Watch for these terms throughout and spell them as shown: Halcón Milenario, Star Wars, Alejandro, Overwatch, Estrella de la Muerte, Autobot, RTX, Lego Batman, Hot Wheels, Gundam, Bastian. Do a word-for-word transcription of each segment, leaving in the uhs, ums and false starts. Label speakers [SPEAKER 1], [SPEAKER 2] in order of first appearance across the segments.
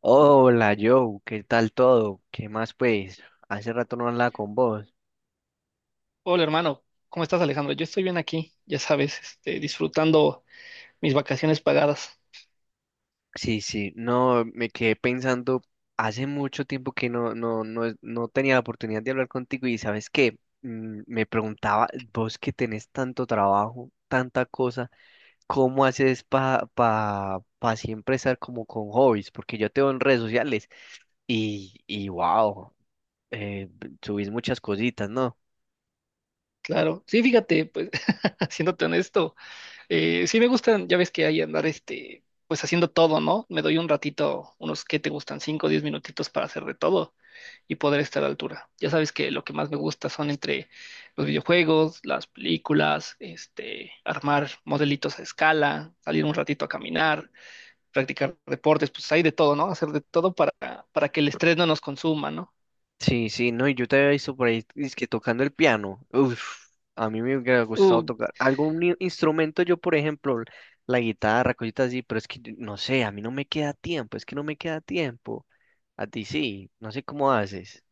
[SPEAKER 1] Hola Joe, ¿qué tal todo? ¿Qué más pues? Hace rato no hablaba con vos.
[SPEAKER 2] Hola hermano, ¿cómo estás, Alejandro? Yo estoy bien aquí, ya sabes, este, disfrutando mis vacaciones pagadas,
[SPEAKER 1] Sí, sí, no, me quedé pensando, hace mucho tiempo que no, no, no, es- no tenía la oportunidad de hablar contigo y ¿sabes qué? Mm, Me preguntaba, vos que tenés tanto trabajo, tanta cosa, ¿cómo haces para pa, pa pa siempre estar como con hobbies? Porque yo te veo en redes sociales y, y wow, eh, subís muchas cositas, ¿no?
[SPEAKER 2] claro. Sí, fíjate, pues, haciéndote honesto, eh, sí me gustan, ya ves que hay andar, este, pues haciendo todo, ¿no? Me doy un ratito, unos que te gustan, cinco o diez minutitos para hacer de todo y poder estar a la altura. Ya sabes que lo que más me gusta son entre los videojuegos, las películas, este, armar modelitos a escala, salir un ratito a caminar practicar deportes, pues hay de todo, ¿no? Hacer de todo para, para que el estrés no nos consuma, ¿no?
[SPEAKER 1] Sí, sí, no, y yo te había visto por ahí, es que tocando el piano. Uf, a mí me hubiera gustado
[SPEAKER 2] Uh,
[SPEAKER 1] tocar algún i- instrumento, yo por ejemplo, la guitarra, cositas así, pero es que yo- no sé, a mí no me queda tiempo, es que no me queda tiempo. A ti sí, no sé cómo haces.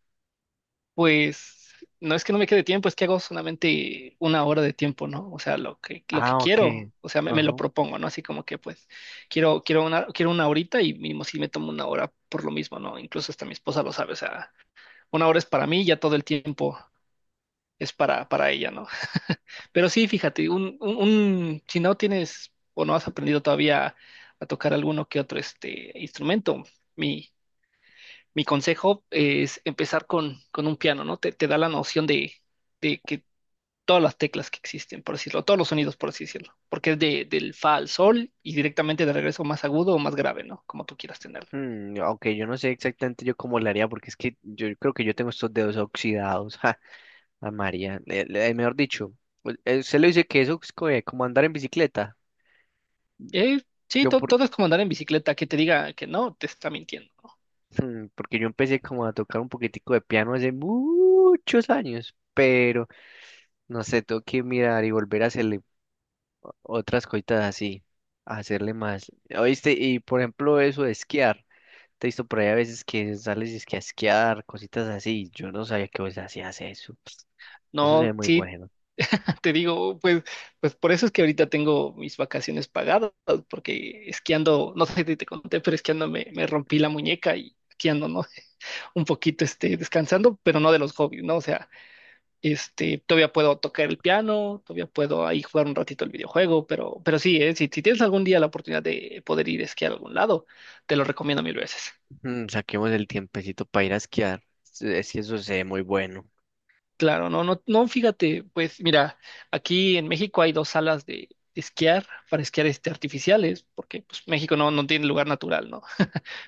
[SPEAKER 2] pues no es que no me quede tiempo, es que hago solamente una hora de tiempo, ¿no? O sea, lo que, lo que
[SPEAKER 1] Ah, ok.
[SPEAKER 2] quiero, o sea, me, me lo
[SPEAKER 1] Ajá.
[SPEAKER 2] propongo, ¿no? Así como que pues quiero, quiero una, quiero una horita y mismo si me tomo una hora por lo mismo, ¿no? Incluso hasta mi esposa lo sabe, o sea, una hora es para mí, ya todo el tiempo es para, para ella, ¿no? Pero sí, fíjate, un, un, un- si no tienes o no has aprendido todavía a tocar alguno que otro este instrumento, mi, mi consejo es empezar con, con un piano, ¿no? Te, te da la noción de, de que todas las teclas que existen, por decirlo, todos los sonidos, por así decirlo, porque es de, del fa al sol y directamente de regreso más agudo o más grave, ¿no? Como tú quieras tenerlo.
[SPEAKER 1] Mm, ok, yo no sé exactamente yo cómo le haría, porque es que yo creo que yo tengo estos dedos oxidados. Ja, a María, le- le- mejor dicho, u- eh, usted le dice que eso es co- eh, como andar en bicicleta.
[SPEAKER 2] Eh, sí,
[SPEAKER 1] Yo,
[SPEAKER 2] to-
[SPEAKER 1] por,
[SPEAKER 2] todo es como andar en bicicleta, que te diga que no, te está mintiendo.
[SPEAKER 1] Hmm, Porque yo empecé como a tocar un poquitico de piano hace muchos años, pero no sé, tengo que mirar y volver a hacerle otras cositas así, a hacerle más. ¿Oíste? Y por ejemplo, eso de esquiar, te he visto por ahí a veces que sales y es que a esquiar, cositas así, yo no sabía que vos hacías eso. Eso
[SPEAKER 2] No,
[SPEAKER 1] se ve
[SPEAKER 2] no,
[SPEAKER 1] muy
[SPEAKER 2] sí,
[SPEAKER 1] bueno.
[SPEAKER 2] te digo, pues, pues por eso es que ahorita tengo mis vacaciones pagadas, porque esquiando, no sé si te conté, pero esquiando me, me rompí la muñeca y aquí ando, ¿no? Un poquito, este, descansando, pero no de los hobbies, ¿no? O sea, este, todavía puedo tocar el piano, todavía puedo ahí jugar un ratito el videojuego, pero, pero sí, ¿eh? Si, si tienes algún día la oportunidad de poder ir a esquiar a algún lado, te lo recomiendo mil veces.
[SPEAKER 1] Mm, saquemos el tiempecito para ir a esquiar, es que eso se ve muy bueno.
[SPEAKER 2] Claro, no, no, no, fíjate, pues mira, aquí en México hay dos salas de, esquiar para esquiar este, artificiales, porque pues México no, no tiene lugar natural, ¿no?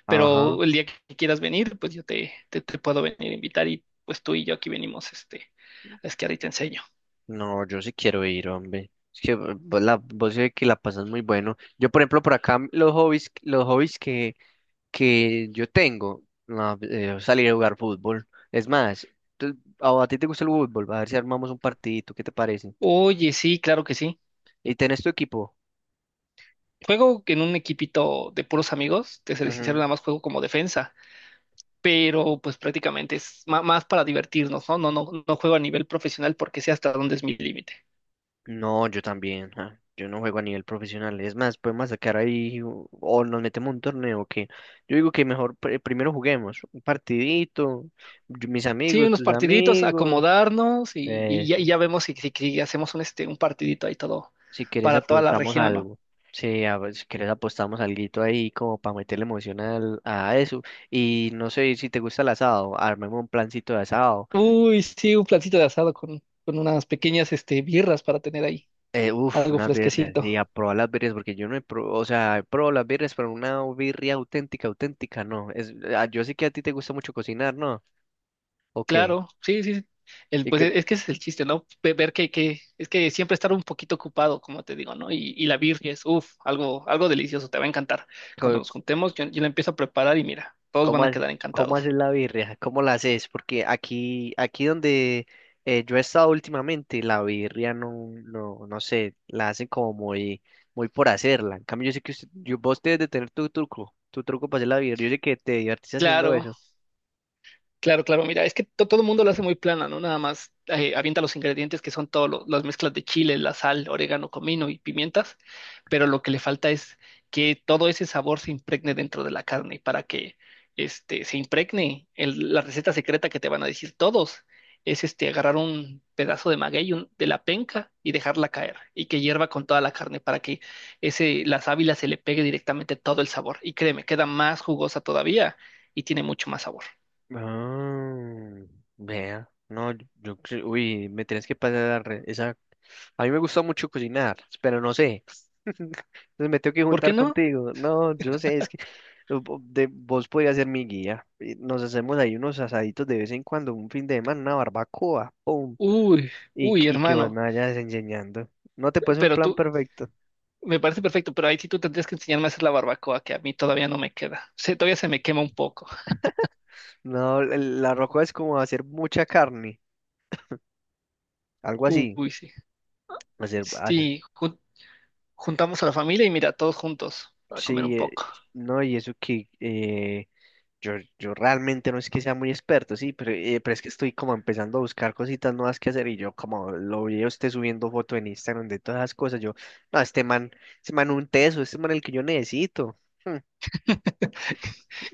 [SPEAKER 1] Ajá.
[SPEAKER 2] Pero el día que quieras venir, pues yo te, te, te puedo venir a invitar y pues tú y yo aquí venimos este, a esquiar y te enseño.
[SPEAKER 1] No, yo sí quiero ir, hombre. Es que vo- vos, la, vos sé que la pasas muy bueno. Yo, por ejemplo, por acá los hobbies, los hobbies que, que yo tengo, no, eh, salir a jugar fútbol. Es más, tú- a, a ti te gusta el fútbol, a ver si armamos un partidito, ¿qué te parece?
[SPEAKER 2] Oye, sí, claro que sí.
[SPEAKER 1] ¿Y tenés tu equipo?
[SPEAKER 2] Juego en un equipito de puros amigos, te seré sincero,
[SPEAKER 1] Ujú.
[SPEAKER 2] nada más juego como defensa, pero pues prácticamente es ma- más para divertirnos, ¿no? No, no, no juego a nivel profesional porque sé hasta dónde es mi límite.
[SPEAKER 1] No, yo también. ah, Yo no juego a nivel profesional. Es más, podemos sacar ahí o, o nos metemos un torneo que yo digo que mejor pr- primero juguemos un partidito, yo- mis
[SPEAKER 2] Sí,
[SPEAKER 1] amigos,
[SPEAKER 2] unos
[SPEAKER 1] tus
[SPEAKER 2] partiditos,
[SPEAKER 1] amigos.
[SPEAKER 2] acomodarnos y, y ya, y
[SPEAKER 1] Eso.
[SPEAKER 2] ya vemos si, si- si hacemos un, este, un partidito ahí todo
[SPEAKER 1] Si quieres
[SPEAKER 2] para toda la
[SPEAKER 1] apostamos
[SPEAKER 2] región, ¿no?
[SPEAKER 1] algo. Sí, a ver, si quieres apostamos alguito ahí como para meterle emoción al- a eso. Y no sé si te gusta el asado, armemos un plancito de asado.
[SPEAKER 2] Uy, sí, un platito de asado con, con unas pequeñas este, birras para tener ahí
[SPEAKER 1] Eh, uf,
[SPEAKER 2] algo
[SPEAKER 1] unas birrias,
[SPEAKER 2] fresquecito.
[SPEAKER 1] sí, a probar las birrias, porque yo no he probado, o sea, he probado las birrias, pero una birria auténtica, auténtica, no. Es, ah, yo sé que a ti te gusta mucho cocinar, ¿no? Ok.
[SPEAKER 2] Claro, sí, sí. El,
[SPEAKER 1] ¿Y
[SPEAKER 2] pues
[SPEAKER 1] qué, le-
[SPEAKER 2] es que ese es el chiste, ¿no? Ve- Ver que, que es que siempre estar un poquito ocupado, como te digo, ¿no? Y, y la birria es, uff, algo, algo delicioso, te va a encantar. Cuando
[SPEAKER 1] co-
[SPEAKER 2] nos juntemos, yo, yo la empiezo a preparar y mira, todos van
[SPEAKER 1] ¿Cómo,
[SPEAKER 2] a
[SPEAKER 1] ha-
[SPEAKER 2] quedar
[SPEAKER 1] cómo
[SPEAKER 2] encantados.
[SPEAKER 1] haces la birria? ¿Cómo la haces? Porque aquí, aquí donde eh, yo he estado últimamente, la birria no, no, no sé, la hacen como muy, muy por hacerla. En cambio, yo sé que usted- yo, vos debes de tener tu truco, tu truco para hacer la birria. Yo sé que te divertís haciendo
[SPEAKER 2] Claro,
[SPEAKER 1] eso.
[SPEAKER 2] Claro, claro, mira, es que to- todo el mundo lo hace muy plana, ¿no? Nada más eh, avienta los ingredientes que son todas las mezclas de chile, la sal, orégano, comino y pimientas, pero lo que le falta es que todo ese sabor se impregne dentro de la carne y para que este, se impregne el- la receta secreta que te van a decir todos. Es este, agarrar un pedazo de maguey un- de la penca y dejarla caer y que hierva con toda la carne para que ese, la sábila se le pegue directamente todo el sabor. Y créeme, queda más jugosa todavía y tiene mucho más sabor.
[SPEAKER 1] Ah, vea. No, yo, yo cre- uy, me tienes que pasar esa. A mí me gusta mucho cocinar, pero no sé. Entonces me tengo que
[SPEAKER 2] ¿Por qué
[SPEAKER 1] juntar
[SPEAKER 2] no?
[SPEAKER 1] contigo. No, yo no sé, es que vo- de- vos podías ser mi guía. Y nos hacemos ahí unos asaditos de vez en cuando, un fin de semana, una barbacoa, ¡pum!
[SPEAKER 2] Uy,
[SPEAKER 1] Y,
[SPEAKER 2] uy,
[SPEAKER 1] que- y que vos
[SPEAKER 2] hermano,
[SPEAKER 1] me vayas enseñando. No te puse un
[SPEAKER 2] pero
[SPEAKER 1] plan
[SPEAKER 2] tú,
[SPEAKER 1] perfecto.
[SPEAKER 2] me parece perfecto, pero ahí sí tú tendrías que enseñarme a hacer la barbacoa, que a mí todavía no me queda. Se- todavía se me quema un poco.
[SPEAKER 1] No, el- la roca es como hacer mucha carne, algo así.
[SPEAKER 2] Uy, sí.
[SPEAKER 1] Hacer, hacer-
[SPEAKER 2] Sí, jun- juntamos a la familia y mira, todos juntos para comer un
[SPEAKER 1] sí, eh,
[SPEAKER 2] poco.
[SPEAKER 1] no, y eso que eh, yo, yo realmente no es que sea muy experto, sí, pero, eh, pero es que estoy como empezando a buscar cositas nuevas que hacer y yo como lo vi a usted subiendo foto en Instagram de todas las cosas, yo, no, este man, este man un teso, este man el que yo necesito. Hmm,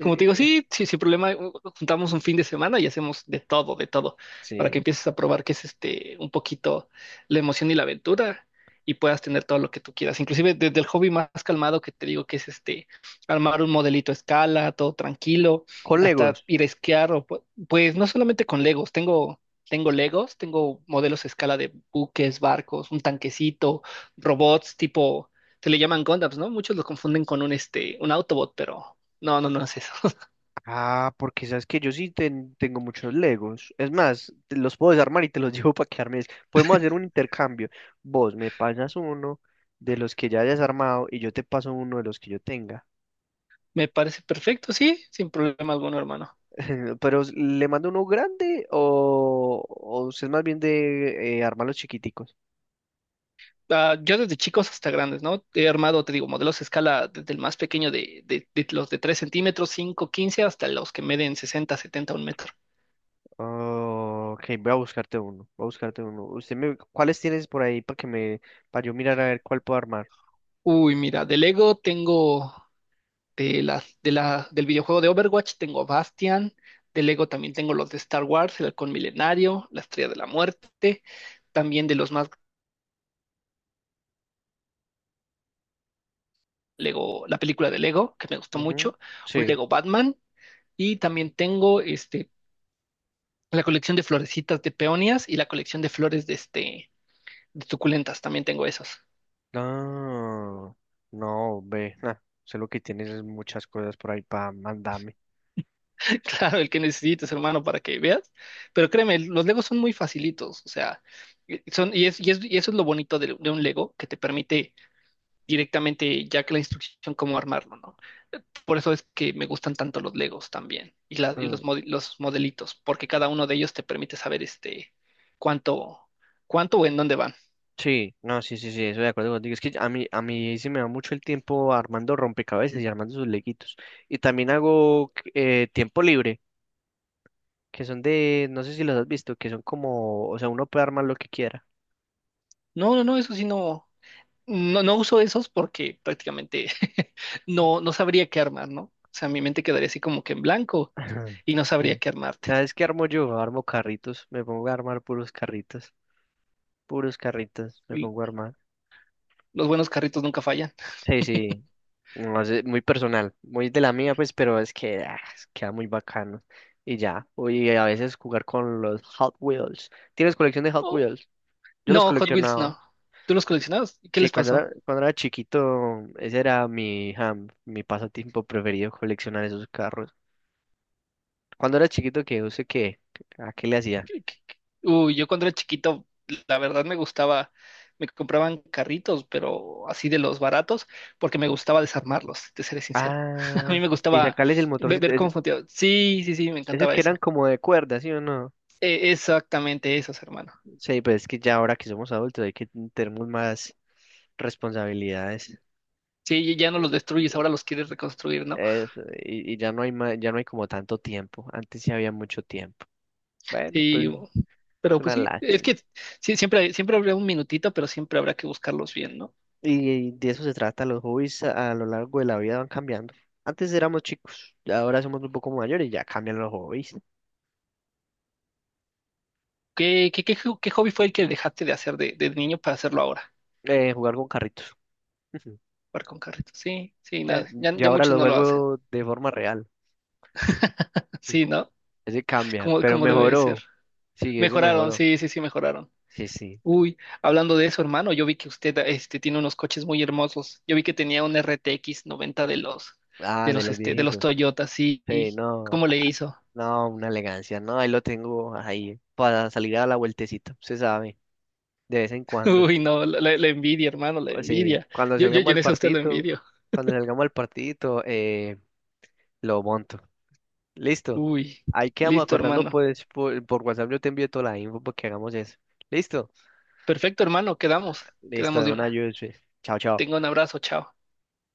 [SPEAKER 2] Como te digo,
[SPEAKER 1] eh,
[SPEAKER 2] sí, sí, sin problema, u- juntamos un fin de semana y hacemos de todo, de todo, para que
[SPEAKER 1] Sí.
[SPEAKER 2] empieces a probar que es este un poquito la emoción y la aventura y puedas tener todo lo que tú quieras. Inclusive desde el hobby más calmado que te digo que es este armar un modelito a escala, todo tranquilo,
[SPEAKER 1] Con Legos.
[SPEAKER 2] hasta ir a esquiar o pu- pues no solamente con Legos, tengo tengo Legos, tengo modelos a escala de buques, barcos, un tanquecito, robots tipo se le llaman Gundams, ¿no? Muchos los confunden con un este un Autobot, pero no, no, no es eso.
[SPEAKER 1] Ah, porque sabes que yo sí ten- tengo muchos Legos. Es más, te los puedo desarmar y te los llevo para quedarme. Podemos hacer un intercambio. Vos me pasas uno de los que ya hayas armado y yo te paso uno de los que yo tenga.
[SPEAKER 2] Me parece perfecto, sí, sin problema alguno, hermano.
[SPEAKER 1] Pero ¿le mando uno grande o, o usted es más bien de eh, armar los chiquiticos?
[SPEAKER 2] Ah, yo desde chicos hasta grandes, ¿no? He armado, te digo, modelos a escala desde el más pequeño de, de- de los de tres centímetros, cinco, quince, hasta los que miden sesenta, setenta, un metro.
[SPEAKER 1] Oh, ok, voy a buscarte uno, voy a buscarte uno. Usted me, ¿cuáles tienes por ahí para que me, para yo mirar a ver cuál puedo armar?
[SPEAKER 2] Uy, mira, de Lego tengo de la, de la, del videojuego de Overwatch, tengo Bastian. De Lego también tengo los de Star Wars, el Halcón Milenario, la Estrella de la Muerte. También de los más Lego, la película de Lego, que me gustó
[SPEAKER 1] Ujú,
[SPEAKER 2] mucho, un
[SPEAKER 1] sí.
[SPEAKER 2] Lego Batman. Y también tengo este la colección de florecitas de peonias y la colección de flores de este de suculentas, también tengo esos.
[SPEAKER 1] No, no, ve, nah, sé lo que tienes es muchas cosas por ahí para mandarme.
[SPEAKER 2] Claro, el que necesites, hermano, para que veas. Pero créeme, los Legos son muy facilitos, o sea, eh, son, y, es, y, es- y eso es lo bonito de, de un Lego, que te permite directamente ya que la instrucción cómo armarlo, ¿no? Por eso es que me gustan tanto los Legos también, y, la- y
[SPEAKER 1] Mm,
[SPEAKER 2] los, mod- los modelitos, porque cada uno de ellos te permite saber este cuánto, cuánto o en dónde van.
[SPEAKER 1] Sí, no, sí, sí, sí, estoy de acuerdo contigo. Es que a mí, a mí sí me va mucho el tiempo armando rompecabezas y armando sus leguitos. Y también hago eh, tiempo libre. Que son de, no sé si los has visto, que son como, o sea, uno puede armar lo que quiera.
[SPEAKER 2] No, no, no, eso sí no. No, no uso esos porque prácticamente no, no sabría qué armar, ¿no? O sea, mi mente quedaría así como que en blanco
[SPEAKER 1] Ajá.
[SPEAKER 2] y no sabría
[SPEAKER 1] Sí.
[SPEAKER 2] qué armarte.
[SPEAKER 1] ¿Sabes qué armo yo? Armo carritos, me pongo a armar puros carritos, puros carritos, me
[SPEAKER 2] L-
[SPEAKER 1] pongo a armar.
[SPEAKER 2] Los buenos carritos nunca fallan.
[SPEAKER 1] Sí, sí, no sé, muy personal, muy de la mía, pues, pero es que ah, es- queda muy bacano. Y ya, y a veces jugar con los Hot Wheels. ¿Tienes colección de Hot
[SPEAKER 2] Oh,
[SPEAKER 1] Wheels? Yo los
[SPEAKER 2] no, Hot Wheels
[SPEAKER 1] coleccionaba.
[SPEAKER 2] no. ¿Tú los coleccionabas? ¿Qué
[SPEAKER 1] Sí,
[SPEAKER 2] les
[SPEAKER 1] cuando era,
[SPEAKER 2] pasó?
[SPEAKER 1] cuando era chiquito, ese era mi, ja, mi pasatiempo preferido, coleccionar esos carros. Cuando era chiquito, ¿qué? ¿Usted qué? ¿A qué le hacía?
[SPEAKER 2] ¿Qué- qué- qué? Uy, yo cuando era chiquito, la verdad me gustaba, me compraban carritos, pero así de los baratos, porque me gustaba desarmarlos, te seré sincero. A
[SPEAKER 1] Ah,
[SPEAKER 2] mí me
[SPEAKER 1] y
[SPEAKER 2] gustaba
[SPEAKER 1] sacarles el
[SPEAKER 2] ve-
[SPEAKER 1] motorcito.
[SPEAKER 2] ver
[SPEAKER 1] Es-
[SPEAKER 2] cómo funcionaba. Sí, sí, sí, me
[SPEAKER 1] esos
[SPEAKER 2] encantaba
[SPEAKER 1] que eran
[SPEAKER 2] eso.
[SPEAKER 1] como de cuerda, ¿sí o no?
[SPEAKER 2] Eh, exactamente esos, hermano.
[SPEAKER 1] Sí, pues es que ya ahora que somos adultos hay que tenemos más responsabilidades.
[SPEAKER 2] Sí, ya no los destruyes, ahora los quieres reconstruir, ¿no?
[SPEAKER 1] Eso, y, y ya no hay ma- ya no hay como tanto tiempo. Antes sí había mucho tiempo. Bueno, pero
[SPEAKER 2] Sí,
[SPEAKER 1] es
[SPEAKER 2] pero pues
[SPEAKER 1] una
[SPEAKER 2] sí, es
[SPEAKER 1] lástima.
[SPEAKER 2] que sí, siempre, siempre habrá un minutito, pero siempre habrá que buscarlos bien, ¿no?
[SPEAKER 1] Y de eso se trata, los hobbies a, a lo largo de la vida van cambiando. Antes éramos chicos, ya ahora somos un poco mayores y ya cambian los hobbies.
[SPEAKER 2] ¿Qué, qué, qué, jo- qué hobby fue el que dejaste de hacer de, de niño para hacerlo ahora?
[SPEAKER 1] Eh, jugar con carritos.
[SPEAKER 2] Jugar con carritos. Sí, sí,
[SPEAKER 1] Ya-
[SPEAKER 2] nada, ya,
[SPEAKER 1] Yo
[SPEAKER 2] ya
[SPEAKER 1] ahora
[SPEAKER 2] muchos
[SPEAKER 1] lo
[SPEAKER 2] no lo hacen.
[SPEAKER 1] juego de forma real.
[SPEAKER 2] Sí, ¿no?
[SPEAKER 1] Ese cambia,
[SPEAKER 2] Como,
[SPEAKER 1] pero
[SPEAKER 2] como debe de ser.
[SPEAKER 1] mejoró. Sí, ese
[SPEAKER 2] Mejoraron,
[SPEAKER 1] mejoró.
[SPEAKER 2] sí, sí, sí, mejoraron.
[SPEAKER 1] Sí, sí.
[SPEAKER 2] Uy, hablando de eso, hermano, yo vi que usted este, tiene unos coches muy hermosos. Yo vi que tenía un R T X noventa de los,
[SPEAKER 1] Ah,
[SPEAKER 2] de
[SPEAKER 1] de
[SPEAKER 2] los,
[SPEAKER 1] los
[SPEAKER 2] este, de los
[SPEAKER 1] viejitos.
[SPEAKER 2] Toyota, sí.
[SPEAKER 1] Sí, no,
[SPEAKER 2] ¿Cómo
[SPEAKER 1] ja,
[SPEAKER 2] le hizo?
[SPEAKER 1] no, una elegancia. No, ahí lo tengo ahí para salir a la vueltecita, se sabe, de vez en cuando.
[SPEAKER 2] Uy, no, la, la- la envidia, hermano, la
[SPEAKER 1] Cu- Sí,
[SPEAKER 2] envidia.
[SPEAKER 1] cuando
[SPEAKER 2] Yo, yo,
[SPEAKER 1] salgamos
[SPEAKER 2] yo en
[SPEAKER 1] al
[SPEAKER 2] eso a usted lo
[SPEAKER 1] partidito,
[SPEAKER 2] envidio.
[SPEAKER 1] cuando salgamos al partidito, eh, lo monto. Listo.
[SPEAKER 2] Uy,
[SPEAKER 1] Ahí quedamos
[SPEAKER 2] listo,
[SPEAKER 1] acordando,
[SPEAKER 2] hermano.
[SPEAKER 1] pues, por, por WhatsApp yo te envío toda la info para que hagamos eso. Listo.
[SPEAKER 2] Perfecto, hermano, quedamos,
[SPEAKER 1] Listo,
[SPEAKER 2] quedamos
[SPEAKER 1] de
[SPEAKER 2] de
[SPEAKER 1] una
[SPEAKER 2] una.
[SPEAKER 1] ayuda. Chao, chao.
[SPEAKER 2] Tenga un abrazo, chao.